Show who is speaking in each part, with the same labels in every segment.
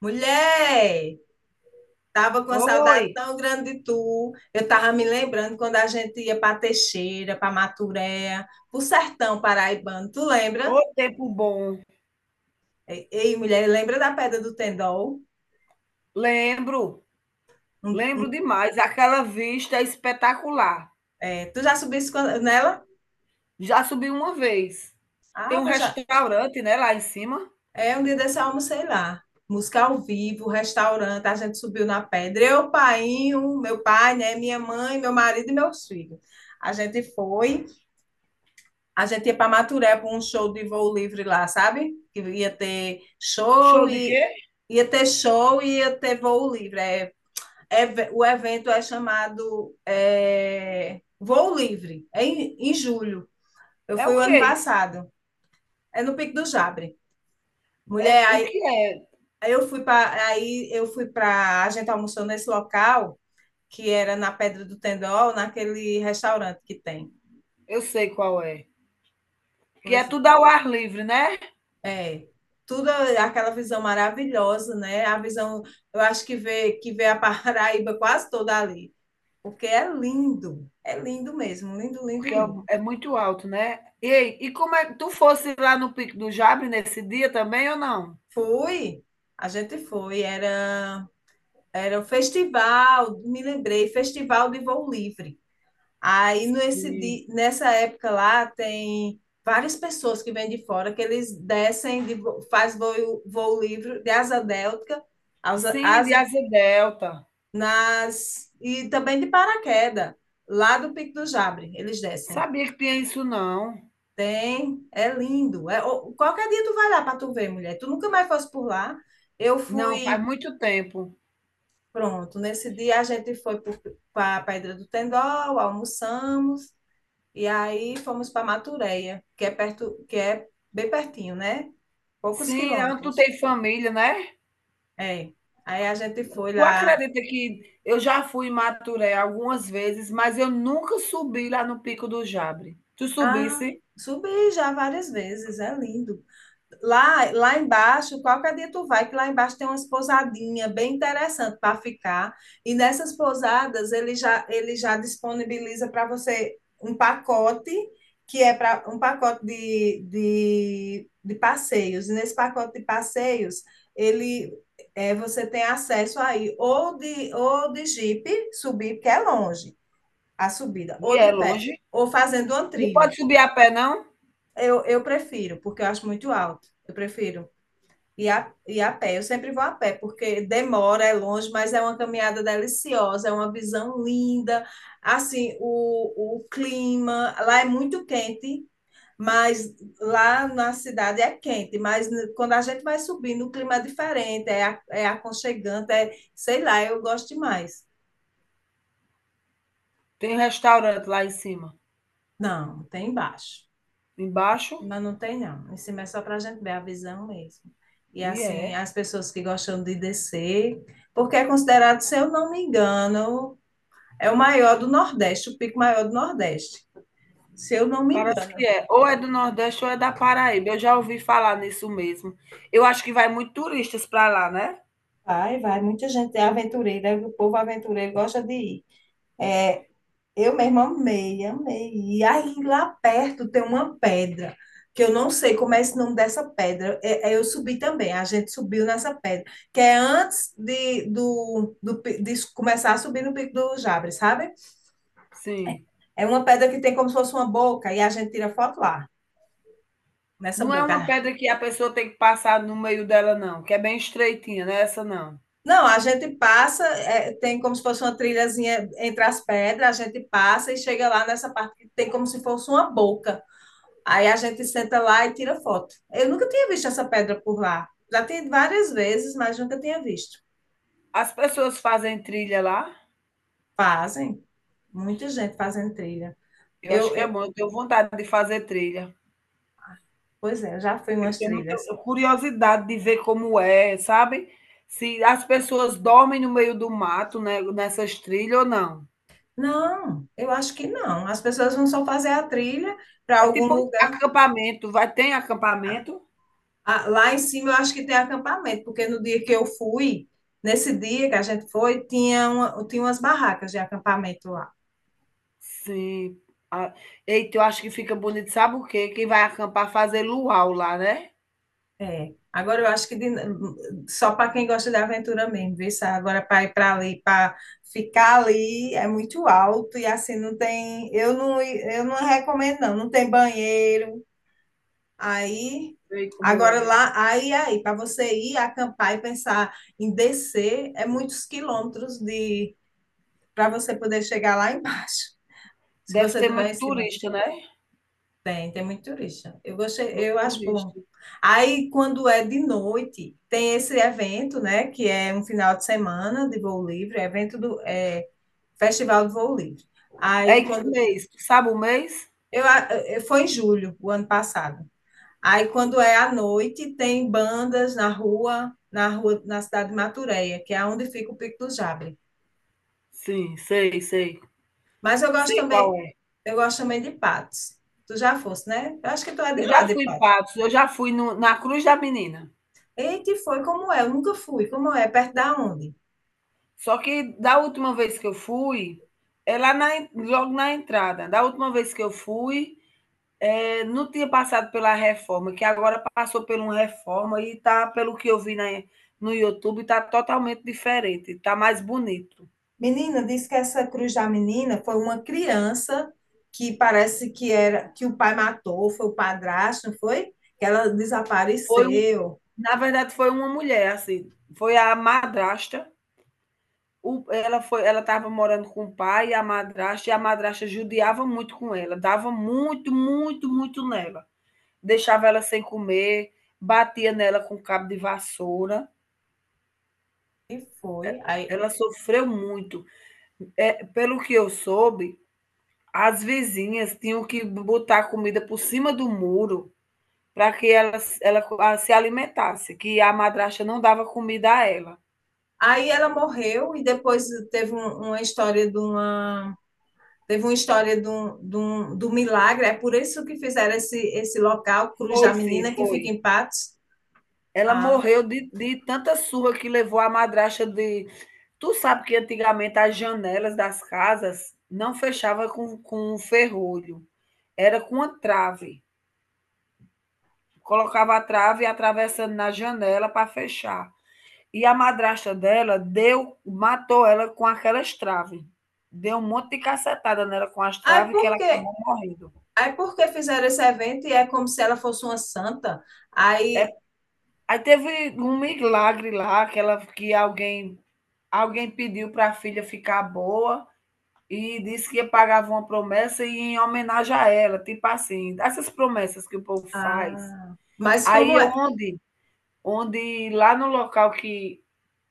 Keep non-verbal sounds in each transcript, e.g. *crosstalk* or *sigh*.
Speaker 1: Mulher, tava com uma
Speaker 2: Oi,
Speaker 1: saudade tão grande de tu. Eu tava me lembrando quando a gente ia para Teixeira, para Maturéia, para o sertão paraibano. Tu lembra?
Speaker 2: ô tempo bom.
Speaker 1: Ei, ei, mulher, lembra da Pedra do Tendol?
Speaker 2: Lembro,
Speaker 1: Um-
Speaker 2: lembro
Speaker 1: um-
Speaker 2: demais. Aquela vista é espetacular.
Speaker 1: é, tu já nela?
Speaker 2: Já subi uma vez. Tem
Speaker 1: Ah,
Speaker 2: um
Speaker 1: eu já.
Speaker 2: restaurante, né, lá em cima.
Speaker 1: É, um dia desse eu almocei lá. Música ao vivo, restaurante, a gente subiu na pedra. Eu, painho, meu pai, né, minha mãe, meu marido e meus filhos. A gente foi. A gente ia para Maturé para um show de voo livre lá, sabe? Que ia ter
Speaker 2: Show
Speaker 1: show
Speaker 2: de
Speaker 1: e
Speaker 2: quê?
Speaker 1: ia ter show e ia ter voo livre. É, o evento é chamado é, Voo Livre, é em julho. Eu
Speaker 2: É
Speaker 1: fui
Speaker 2: o
Speaker 1: o ano
Speaker 2: que isso?
Speaker 1: passado, é no Pico do Jabre.
Speaker 2: É
Speaker 1: Mulher,
Speaker 2: o
Speaker 1: aí
Speaker 2: que é?
Speaker 1: eu fui para a gente almoçou nesse local que era na Pedra do Tendol, naquele restaurante que tem.
Speaker 2: Eu sei qual é. Que é
Speaker 1: Pois é.
Speaker 2: tudo ao ar livre, né?
Speaker 1: É, tudo aquela visão maravilhosa, né? A visão, eu acho que vê a *laughs* Paraíba quase toda ali, porque é lindo mesmo, lindo,
Speaker 2: Porque
Speaker 1: lindo,
Speaker 2: é
Speaker 1: lindo.
Speaker 2: é muito alto, né? Ei, e como é que tu fosse lá no Pico do Jabre nesse dia também ou não?
Speaker 1: Fui, a gente foi, era, era o festival, me lembrei, Festival de Voo Livre. Aí
Speaker 2: Sim.
Speaker 1: nessa época lá tem várias pessoas que vêm de fora, que eles descem, de, vo- faz voo, voo livre de asa delta, asa,
Speaker 2: Sim, de
Speaker 1: asa
Speaker 2: asa delta.
Speaker 1: nas e também de paraquedas, lá do Pico do Jabre, eles descem.
Speaker 2: Sabia que tinha isso não.
Speaker 1: Tem, é lindo. É, ô, qualquer dia tu vai lá para tu ver, mulher. Tu nunca mais fosse por lá. Eu
Speaker 2: Não, faz
Speaker 1: fui,
Speaker 2: muito tempo.
Speaker 1: pronto, nesse dia a gente foi para a Pedra do Tendol, almoçamos e aí fomos para Matureia, que é perto, que é bem pertinho, né? Poucos
Speaker 2: Sim, onde tu
Speaker 1: quilômetros.
Speaker 2: tem família, né.
Speaker 1: É. Aí a gente foi
Speaker 2: Tu
Speaker 1: lá.
Speaker 2: acredita que eu já fui em Maturé algumas vezes, mas eu nunca subi lá no Pico do Jabre. Tu
Speaker 1: Ah,
Speaker 2: subisse
Speaker 1: subi já várias vezes, é lindo. Lá, lá embaixo, qualquer dia tu vai, que lá embaixo tem umas pousadinhas bem interessantes para ficar. E nessas pousadas, ele já disponibiliza para você um pacote, que é para um pacote de passeios. E nesse pacote de passeios, ele é, você tem acesso aí ou de jipe, subir, porque é longe a subida,
Speaker 2: e
Speaker 1: ou de
Speaker 2: é
Speaker 1: pé,
Speaker 2: longe.
Speaker 1: ou fazendo uma
Speaker 2: Não
Speaker 1: trilha.
Speaker 2: pode subir a pé não?
Speaker 1: Eu prefiro, porque eu acho muito alto. Eu prefiro. E a pé, eu sempre vou a pé, porque demora, é longe, mas é uma caminhada deliciosa, é uma visão linda. Assim, o clima lá é muito quente, mas lá na cidade é quente, mas quando a gente vai subindo, o clima é diferente, é, é aconchegante, é, sei lá, eu gosto demais.
Speaker 2: Tem um restaurante lá em cima.
Speaker 1: Não, tem embaixo. Em
Speaker 2: Embaixo
Speaker 1: cima não tem, não. Em cima é só para a gente ver a visão mesmo. E
Speaker 2: e
Speaker 1: assim,
Speaker 2: é,
Speaker 1: as pessoas que gostam de descer, porque é considerado, se eu não me engano, É o maior do Nordeste, o pico maior do Nordeste, se eu não me
Speaker 2: parece que
Speaker 1: engano.
Speaker 2: é. Ou é do Nordeste ou é da Paraíba, eu já ouvi falar nisso mesmo. Eu acho que vai muito turistas para lá, né.
Speaker 1: Vai, vai, muita gente é aventureira, o povo aventureiro gosta de ir. É, eu mesma amei, amei. E aí lá perto tem uma pedra, que eu não sei como é esse nome dessa pedra. É, é, eu subi também, a gente subiu nessa pedra, que é antes de, do, do, de começar a subir no Pico do Jabre, sabe?
Speaker 2: Sim.
Speaker 1: É uma pedra que tem como se fosse uma boca, e a gente tira foto lá, nessa
Speaker 2: Não é uma
Speaker 1: boca.
Speaker 2: pedra que a pessoa tem que passar no meio dela não, que é bem estreitinha, não é essa não.
Speaker 1: Não, a gente passa, é, tem como se fosse uma trilhazinha entre as pedras, a gente passa e chega lá nessa parte que tem como se fosse uma boca. Aí a gente senta lá e tira foto. Eu nunca tinha visto essa pedra por lá. Já tem várias vezes, mas nunca tinha visto.
Speaker 2: As pessoas fazem trilha lá?
Speaker 1: Fazem, muita gente fazendo trilha.
Speaker 2: Eu acho
Speaker 1: Eu,
Speaker 2: que é
Speaker 1: eu-
Speaker 2: bom, eu tenho vontade de fazer trilha.
Speaker 1: pois é, eu já fui em
Speaker 2: Eu
Speaker 1: umas
Speaker 2: tenho muita
Speaker 1: trilhas.
Speaker 2: curiosidade de ver como é, sabe. Se as pessoas dormem no meio do mato, né, nessas trilhas ou não.
Speaker 1: Não, eu acho que não. As pessoas vão só fazer a trilha para
Speaker 2: É
Speaker 1: algum
Speaker 2: tipo um
Speaker 1: lugar.
Speaker 2: acampamento, vai tem acampamento?
Speaker 1: Ah, lá em cima eu acho que tem acampamento, porque no dia que eu fui, nesse dia que a gente foi, tinha, uma, tinha umas barracas de acampamento lá.
Speaker 2: Sim. Ah, eita, eu acho que fica bonito, sabe o quê? Quem vai acampar fazer luau lá, né.
Speaker 1: É. Agora eu acho só para quem gosta de aventura mesmo, viu? Sá? Agora para ir para ali, para ficar ali é muito alto e assim não tem. Eu não recomendo, não. Não tem banheiro. Aí.
Speaker 2: Sei como
Speaker 1: Agora
Speaker 2: é.
Speaker 1: lá, para você ir acampar e pensar em descer, é muitos quilômetros de para você poder chegar lá embaixo. Se
Speaker 2: Deve
Speaker 1: você
Speaker 2: ter
Speaker 1: estiver em
Speaker 2: muito
Speaker 1: cima,
Speaker 2: turista, né,
Speaker 1: tem, tem muito turista. Eu gostei,
Speaker 2: muito
Speaker 1: eu acho bom.
Speaker 2: turista.
Speaker 1: Aí, quando é de noite, tem esse evento, né, que é um final de semana de voo livre, é evento do é, Festival de Voo Livre.
Speaker 2: É
Speaker 1: Aí,
Speaker 2: em que mês? Tu sabe o mês?
Speaker 1: eu, eu foi em julho, o ano passado. Aí, quando é à noite, tem bandas na rua, na cidade de Matureia, que é onde fica o Pico do Jabre.
Speaker 2: Sim, sei, sei.
Speaker 1: Mas eu gosto
Speaker 2: Sei qual
Speaker 1: também,
Speaker 2: é.
Speaker 1: eu gosto também de Patos. Tu já fosse, né? Eu acho que tu é
Speaker 2: Eu
Speaker 1: de lá,
Speaker 2: já
Speaker 1: de
Speaker 2: fui em
Speaker 1: Patos.
Speaker 2: Patos, eu já fui no na Cruz da Menina.
Speaker 1: Eita, e foi como é? Eu nunca fui. Como é? Perto da onde?
Speaker 2: Só que da última vez que eu fui, é lá na en logo na entrada. Da última vez que eu fui, não tinha passado pela reforma, que agora passou por uma reforma e tá, pelo que eu vi na no YouTube, tá totalmente diferente, tá mais bonito.
Speaker 1: Menina, disse que essa Cruz da Menina foi uma criança que parece que era que o pai matou, foi o padrasto, não foi? Que ela
Speaker 2: Foi um
Speaker 1: desapareceu.
Speaker 2: na verdade foi uma mulher, assim, foi a madrasta. O, ela foi, ela estava morando com o pai e a madrasta judiava muito com ela, dava muito, muito, muito nela. Deixava ela sem comer, batia nela com um cabo de vassoura.
Speaker 1: E foi. Aí,
Speaker 2: Ela sofreu muito. Pelo que eu soube, as vizinhas tinham que botar comida por cima do muro para que ela s ela co ah, se alimentasse, que a madrasta não dava comida a ela.
Speaker 1: aí ela morreu e depois uma história de uma teve uma história do milagre, é por isso que fizeram esse local, Cruz da
Speaker 2: Foi sim,
Speaker 1: Menina, que fica
Speaker 2: foi.
Speaker 1: em Patos.
Speaker 2: Ela
Speaker 1: Ah,
Speaker 2: morreu de tanta surra que levou a madrasta de. Tu sabe que antigamente as janelas das casas não fechava com um ferrolho, era com uma trave. Colocava a trave atravessando na janela para fechar. E a madrasta dela deu, matou ela com aquelas traves. Deu um monte de cacetada nela com as
Speaker 1: aí
Speaker 2: traves que
Speaker 1: por
Speaker 2: ela
Speaker 1: quê?
Speaker 2: acabou morrendo.
Speaker 1: Aí por que fizeram esse evento e é como se ela fosse uma santa?
Speaker 2: É,
Speaker 1: Aí,
Speaker 2: aí teve um milagre lá que, ela, que alguém, alguém pediu para a filha ficar boa. E disse que ia pagava uma promessa e em homenagem a ela, tipo assim, essas promessas que o povo faz.
Speaker 1: ah, mas
Speaker 2: Aí
Speaker 1: como
Speaker 2: é
Speaker 1: é?
Speaker 2: onde lá no local que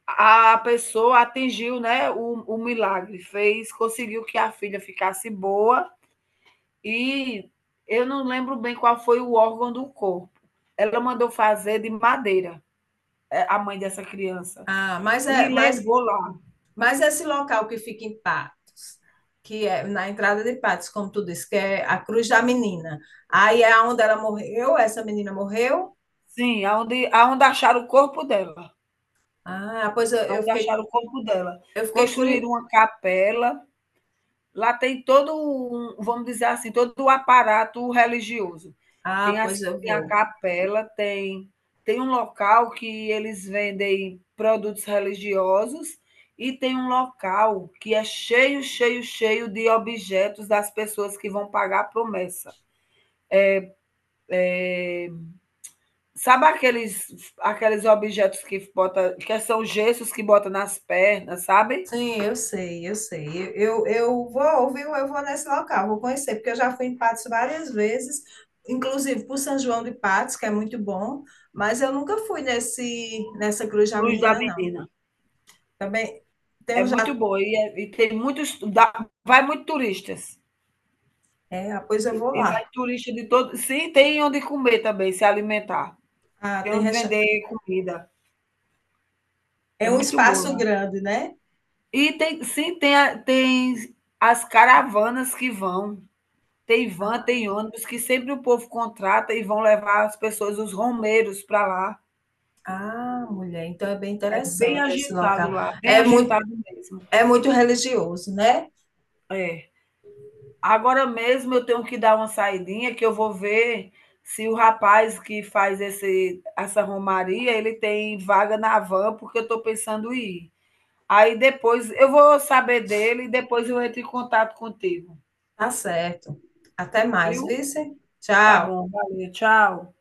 Speaker 2: a pessoa atingiu, né, o milagre, fez conseguiu que a filha ficasse boa e eu não lembro bem qual foi o órgão do corpo. Ela mandou fazer de madeira, a mãe dessa criança,
Speaker 1: Ah, mas é,
Speaker 2: e
Speaker 1: mas,
Speaker 2: levou lá.
Speaker 1: mas esse local que fica em Patos, que é na entrada de Patos, como tu disse, que é a Cruz da Menina. Aí é onde ela morreu, essa menina morreu.
Speaker 2: Sim, aonde acharam o corpo dela.
Speaker 1: Ah,
Speaker 2: Aonde acharam o corpo dela.
Speaker 1: eu fiquei
Speaker 2: Construíram
Speaker 1: curiosa.
Speaker 2: uma capela, lá tem todo um vamos dizer assim, todo o aparato religioso.
Speaker 1: Ah,
Speaker 2: Tem as
Speaker 1: pois eu
Speaker 2: tem a
Speaker 1: vou.
Speaker 2: capela, tem um local que eles vendem produtos religiosos e tem um local que é cheio, cheio, cheio de objetos das pessoas que vão pagar a promessa. Sabe aqueles objetos que bota que são gessos que bota nas pernas, sabe?
Speaker 1: Sim, eu sei, eu sei. Eu vou, viu? Eu vou nesse local, vou conhecer, porque eu já fui em Patos várias vezes, inclusive para São João de Patos, que é muito bom, mas eu nunca fui nessa Cruz da
Speaker 2: Cruz da
Speaker 1: Menina, não.
Speaker 2: menina.
Speaker 1: Também tem
Speaker 2: É
Speaker 1: um já.
Speaker 2: muito boa e, é- e tem muitos, dá- vai muito turistas.
Speaker 1: É, ah, pois eu vou
Speaker 2: E
Speaker 1: lá.
Speaker 2: vai turista de todo, sim, tem onde comer também, se alimentar.
Speaker 1: Ah,
Speaker 2: Tem
Speaker 1: tem
Speaker 2: onde
Speaker 1: recha...
Speaker 2: vender comida.
Speaker 1: É
Speaker 2: É
Speaker 1: um
Speaker 2: muito boa
Speaker 1: espaço
Speaker 2: lá.
Speaker 1: grande, né?
Speaker 2: E tem, sim, tem, a- tem as caravanas que vão. Tem van,
Speaker 1: Ah,
Speaker 2: tem ônibus que sempre o povo contrata e vão levar as pessoas, os romeiros para lá.
Speaker 1: ah, mulher, então é bem
Speaker 2: É bem
Speaker 1: interessante esse
Speaker 2: agitado
Speaker 1: local.
Speaker 2: lá, bem
Speaker 1: É muito,
Speaker 2: agitado mesmo.
Speaker 1: é muito religioso, né?
Speaker 2: É. Agora mesmo eu tenho que dar uma saidinha que eu vou ver se o rapaz que faz esse, essa romaria, ele tem vaga na van, porque eu estou pensando em ir. Aí depois eu vou saber dele e depois eu entro em contato contigo,
Speaker 1: Tá certo. Até mais,
Speaker 2: viu?
Speaker 1: vice.
Speaker 2: Tá
Speaker 1: Tchau.
Speaker 2: bom, valeu, tchau.